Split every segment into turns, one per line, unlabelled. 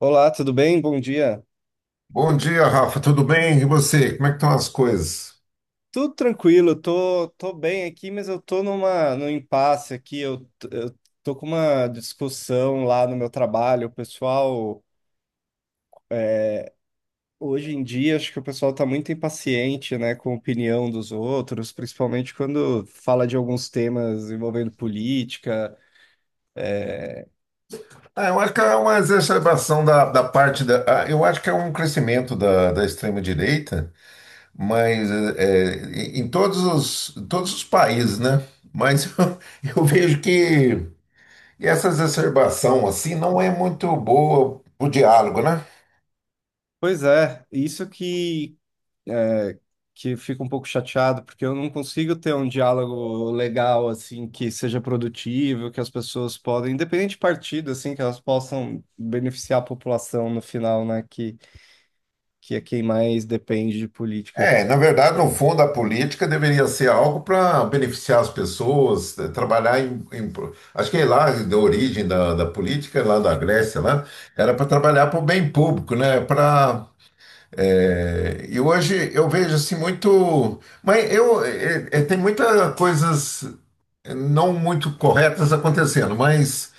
Olá, tudo bem? Bom dia.
Bom dia, Rafa. Tudo bem? E você? Como é que estão as coisas?
Tudo tranquilo, tô bem aqui, mas eu tô num impasse aqui. Eu tô com uma discussão lá no meu trabalho. O pessoal, hoje em dia, acho que o pessoal tá muito impaciente, né, com a opinião dos outros, principalmente quando fala de alguns temas envolvendo política.
Eu acho que é uma exacerbação da parte da. Eu acho que é um crescimento da extrema-direita, mas é, em em todos os países, né? Mas eu vejo que essa exacerbação assim não é muito boa o diálogo, né?
Pois é, que fica um pouco chateado, porque eu não consigo ter um diálogo legal, assim, que seja produtivo, que as pessoas podem, independente de partido, assim, que elas possam beneficiar a população no final, né, que é quem mais depende de política.
É, na verdade, no fundo, a política deveria ser algo para beneficiar as pessoas, trabalhar em. Acho que lá, da origem da política, lá da Grécia, lá, era para trabalhar para o bem público, né? E hoje eu vejo assim muito. Mas tem muitas coisas não muito corretas acontecendo,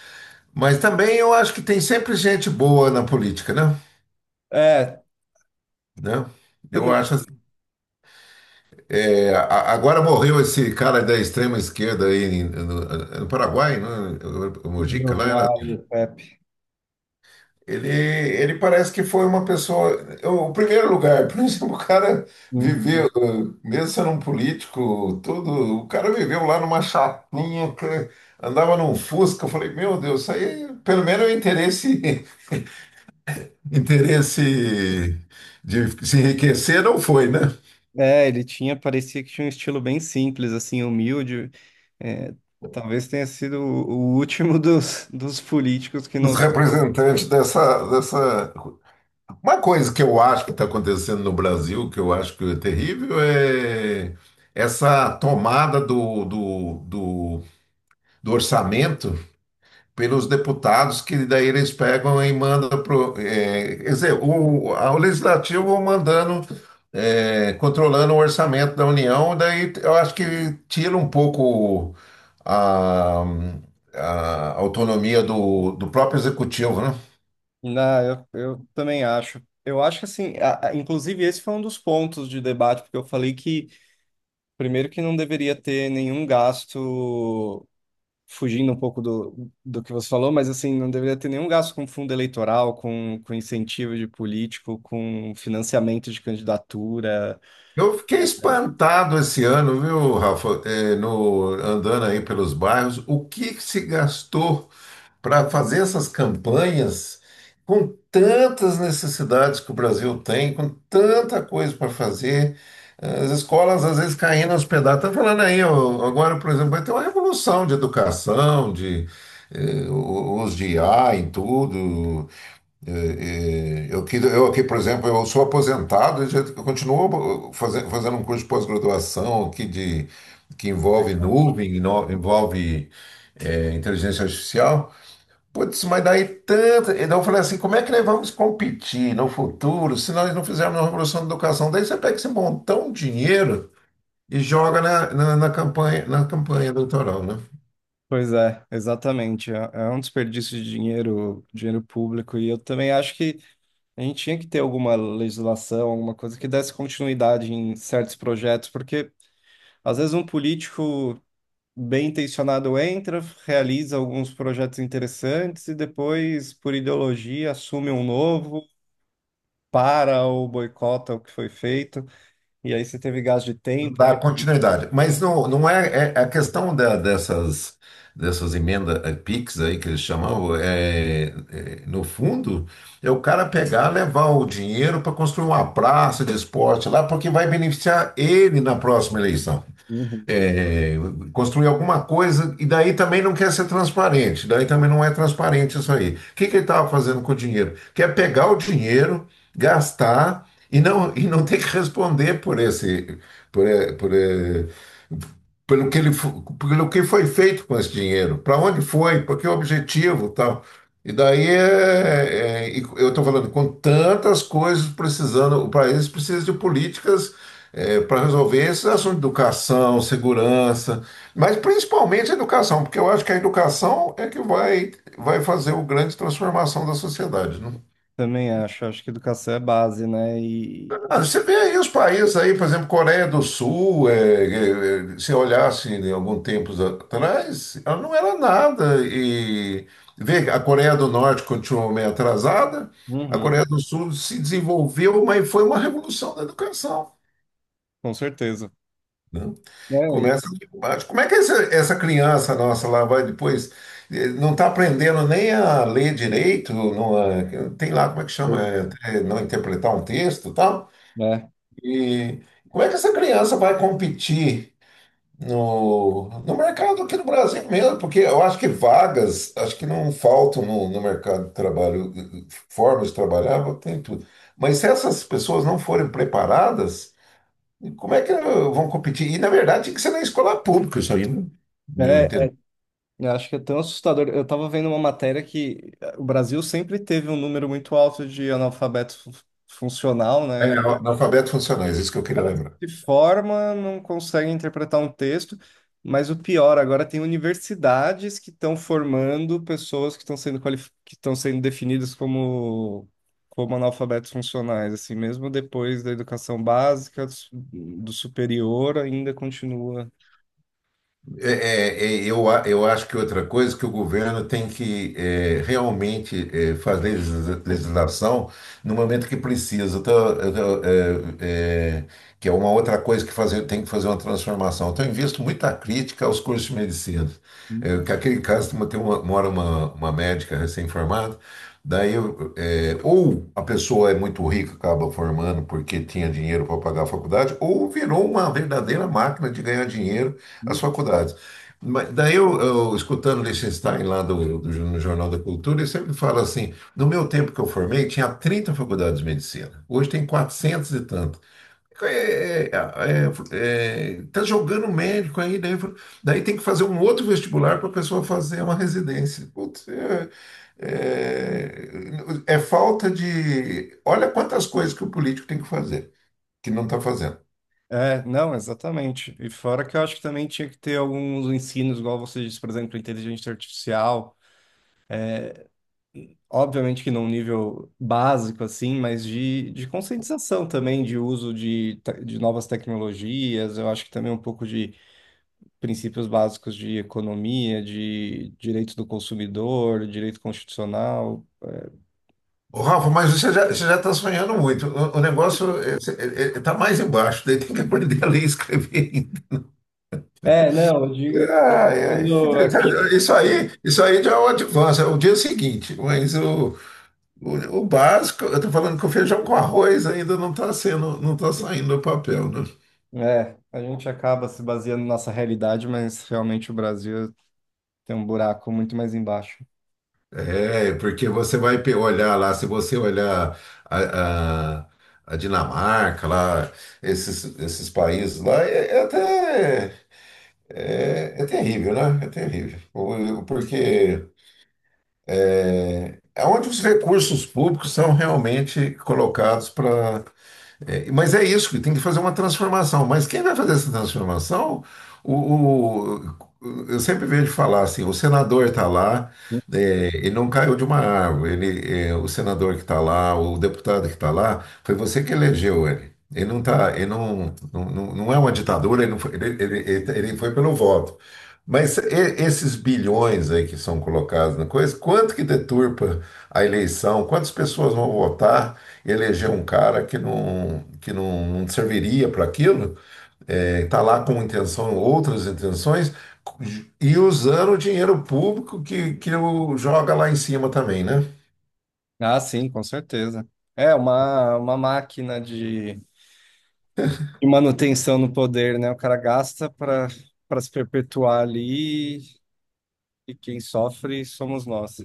mas também eu acho que tem sempre gente boa na política, né?
É,
Né? Eu
também.
acho Agora morreu esse cara da extrema esquerda aí no Paraguai, né? O Mojica lá.
Uruguai, o Pepe.
Ele parece que foi uma pessoa. O primeiro lugar, por exemplo, o cara viveu,
Uhum.
mesmo sendo um político, tudo, o cara viveu lá numa chapinha, que andava num Fusca. Eu falei, meu Deus, isso aí pelo menos o interesse, interesse de se enriquecer não foi, né?
É, ele tinha, parecia que tinha um estilo bem simples, assim, humilde. É, talvez tenha sido o último dos políticos que não.
Os representantes dessa. Uma coisa que eu acho que está acontecendo no Brasil, que eu acho que é terrível, é essa tomada do orçamento pelos deputados, que daí eles pegam e mandam pro, é, quer dizer, o legislativo mandando, é, controlando o orçamento da União, daí eu acho que tira um pouco a, a autonomia do próprio executivo, né?
Não, eu também acho. Eu acho que assim, inclusive esse foi um dos pontos de debate, porque eu falei que, primeiro, que não deveria ter nenhum gasto, fugindo um pouco do que você falou, mas assim, não deveria ter nenhum gasto com fundo eleitoral, com incentivo de político, com financiamento de candidatura.
Eu fiquei espantado esse ano, viu, Rafa? É, no, Andando aí pelos bairros, o que que se gastou para fazer essas campanhas com tantas necessidades que o Brasil tem, com tanta coisa para fazer, as escolas às vezes caindo aos pedaços. Tá falando aí, ó, agora, por exemplo, vai ter uma revolução de educação, de o uso de IA em tudo, e eu aqui, por exemplo, eu sou aposentado eu continuo fazendo um curso de pós-graduação aqui de, que envolve nuvem, envolve é, inteligência artificial. Putz, mas daí tanta. Então eu falei assim, como é que nós vamos competir no futuro se nós não fizermos uma revolução da educação? Daí você pega esse montão de dinheiro e joga na campanha, na campanha eleitoral, né?
Pois é, exatamente. É, é um desperdício de dinheiro, dinheiro público, e eu também acho que a gente tinha que ter alguma legislação, alguma coisa que desse continuidade em certos projetos, porque às vezes um político bem intencionado entra, realiza alguns projetos interessantes e depois, por ideologia, assume um novo, para ou boicota o que foi feito. E aí você teve gasto de
Não
tempo.
dá continuidade. Mas não, não é, é- a questão dessas emendas PIX aí que eles chamavam, é, no fundo, é o cara pegar, levar o dinheiro para construir uma praça de esporte lá, porque vai beneficiar ele na próxima eleição
Uhum.
é, construir alguma coisa, e daí também não quer ser transparente, daí também não é transparente isso aí. O que, que ele estava fazendo com o dinheiro? Quer pegar o dinheiro, gastar e não ter que responder por esse, por, eh, por, eh, pelo que pelo que foi feito com esse dinheiro, para onde foi, para que objetivo, e tal. E daí e eu estou falando com tantas coisas precisando, o país precisa de políticas para resolver esses assuntos de educação, segurança, mas principalmente a educação, porque eu acho que a educação é que vai fazer o grande transformação da sociedade, né?
Também acho, acho que educação é base, né? E
Ah, você vê aí os países aí, por exemplo, Coreia do Sul, se olhasse em algum tempo atrás, ela não era nada. E vê, a Coreia do Norte continuou meio atrasada, a
uhum,
Coreia do Sul se desenvolveu, mas foi uma revolução da educação,
com certeza.
né?
É, e-
Começa aqui embaixo. Como é que essa criança nossa lá vai depois? Não está aprendendo nem a ler direito, não, a- tem lá como é que chama, até não interpretar um texto e tal.
é,
E como é que essa criança vai competir no mercado aqui no Brasil mesmo? Porque eu acho que vagas, acho que não faltam no mercado de trabalho, formas de trabalhar, tem tudo. Mas se essas pessoas não forem preparadas, e como é que vão competir? E, na verdade, tinha que ser na escola pública, isso aí, né? Meu
é,
entender.
é, eu acho que é tão assustador. Eu estava vendo uma matéria que o Brasil sempre teve um número muito alto de funcional,
É,
né?
analfabeto funcionais, isso que eu queria
Cara
lembrar.
se forma, não consegue interpretar um texto, mas o pior, agora tem universidades que estão formando pessoas que estão que estão sendo definidas como analfabetos funcionais, assim, mesmo depois da educação básica, do superior, ainda continua.
Eu acho que outra coisa que o governo tem que realmente é, fazer legislação no momento que precisa. Eu tô, é, é, Que é uma outra coisa que fazer, tem que fazer uma transformação. Então, eu visto muita crítica aos cursos de medicina. É, que aquele caso, mora uma médica recém-formada, ou a pessoa é muito rica, acaba formando porque tinha dinheiro para pagar a faculdade, ou virou uma verdadeira máquina de ganhar dinheiro as faculdades. Mas escutando Liechtenstein lá no Jornal da Cultura, ele sempre fala assim: no meu tempo que eu formei, tinha 30 faculdades de medicina, hoje tem 400 e tanto. É, é, tá jogando médico aí, daí tem que fazer um outro vestibular para a pessoa fazer uma residência. Putz, é, é falta de. Olha quantas coisas que o político tem que fazer, que não está fazendo.
É, não, exatamente. E fora que eu acho que também tinha que ter alguns ensinos, igual você disse, por exemplo, inteligência artificial, obviamente que num nível básico, assim, mas de conscientização também, de de novas tecnologias, eu acho que também um pouco de princípios básicos de economia, de direito do consumidor, direito constitucional.
Ô, Rafa, mas você já está sonhando muito. O negócio está mais embaixo, daí tem que aprender a ler e escrever ainda.
É, não, eu digo,
Ai, ai.
quando é que a gente
Isso aí já é o advance, é o dia seguinte. Mas o básico, eu estou falando que o feijão com arroz ainda não está saindo do papel, né?
é, a gente acaba se baseando na nossa realidade, mas realmente o Brasil tem um buraco muito mais embaixo.
É, porque você olhar lá, se você olhar a, a, a Dinamarca, lá, esses países lá, é, é até. É, é terrível, né? É terrível. Porque é onde os recursos públicos são realmente colocados para é, mas é isso, que tem que fazer uma transformação. Mas quem vai fazer essa transformação? O, o- eu sempre vejo falar assim: o senador está lá, é, ele não caiu de uma árvore. O senador que está lá, o deputado que está lá, foi você que elegeu ele. Ele não é uma ditadura, ele, não foi, ele, ele, ele ele foi pelo voto. Mas esses bilhões aí que são colocados na coisa, quanto que deturpa a eleição? Quantas pessoas vão votar? Eleger um cara que não serviria para aquilo, está lá com intenção, outras intenções, e usando o dinheiro público que o joga lá em cima também, né?
Ah, sim, com certeza. É uma máquina de manutenção no poder, né? O cara gasta para se perpetuar ali e quem sofre somos nós.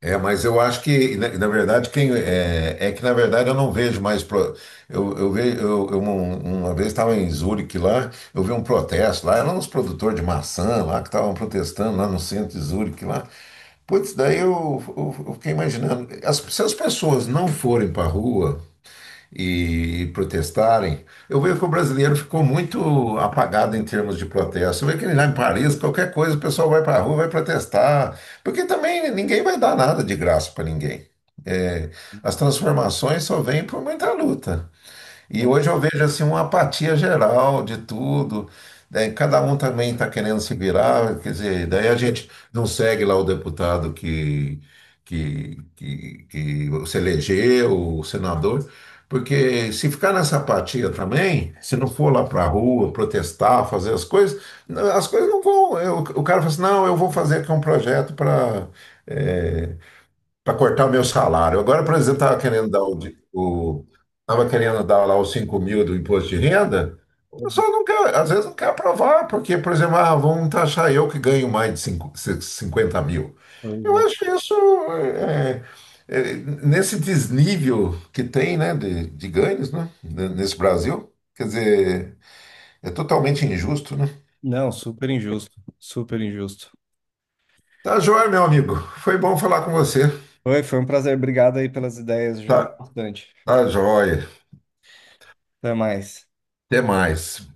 É, mas eu acho que, na verdade, quem é, é que, na verdade, eu não vejo mais. Pro, eu, ve- eu um- Uma vez estava em Zurique lá, eu vi um protesto lá, eram uns produtores de maçã lá que estavam protestando lá no centro de Zurique lá. Putz, daí eu fiquei imaginando, se as pessoas não forem para a rua e protestarem, eu vejo que o brasileiro ficou muito apagado em termos de protesto. Você vê que lá em Paris, qualquer coisa, o pessoal vai para a rua, vai protestar, porque também ninguém vai dar nada de graça para ninguém. É, as transformações só vêm por muita luta. E
Não,
hoje eu vejo assim uma apatia geral de tudo. Né? Cada um também está querendo se virar, quer dizer, daí a gente não segue lá o deputado que se elegeu, o senador, porque se ficar nessa apatia também, se não for lá para a rua protestar, fazer as coisas não vão. O cara fala assim, não, eu vou fazer aqui um projeto para cortar o meu salário. Agora, por exemplo, estava querendo dar o, de- o tava querendo dar lá os 5 mil do imposto de renda, o pessoal não quer, às vezes não quer aprovar, porque, por exemplo, ah, vão taxar eu que ganho mais de 50 mil.
pois
Eu
é.
acho isso é, é, nesse desnível que tem, né, de ganhos, né, nesse Brasil, quer dizer, é totalmente injusto, né?
Não, super injusto, super injusto.
Tá joia, meu amigo. Foi bom falar com você.
Oi, foi um prazer, obrigado aí pelas ideias, ajudou
Tá,
bastante.
tá joia.
Até mais.
Até mais.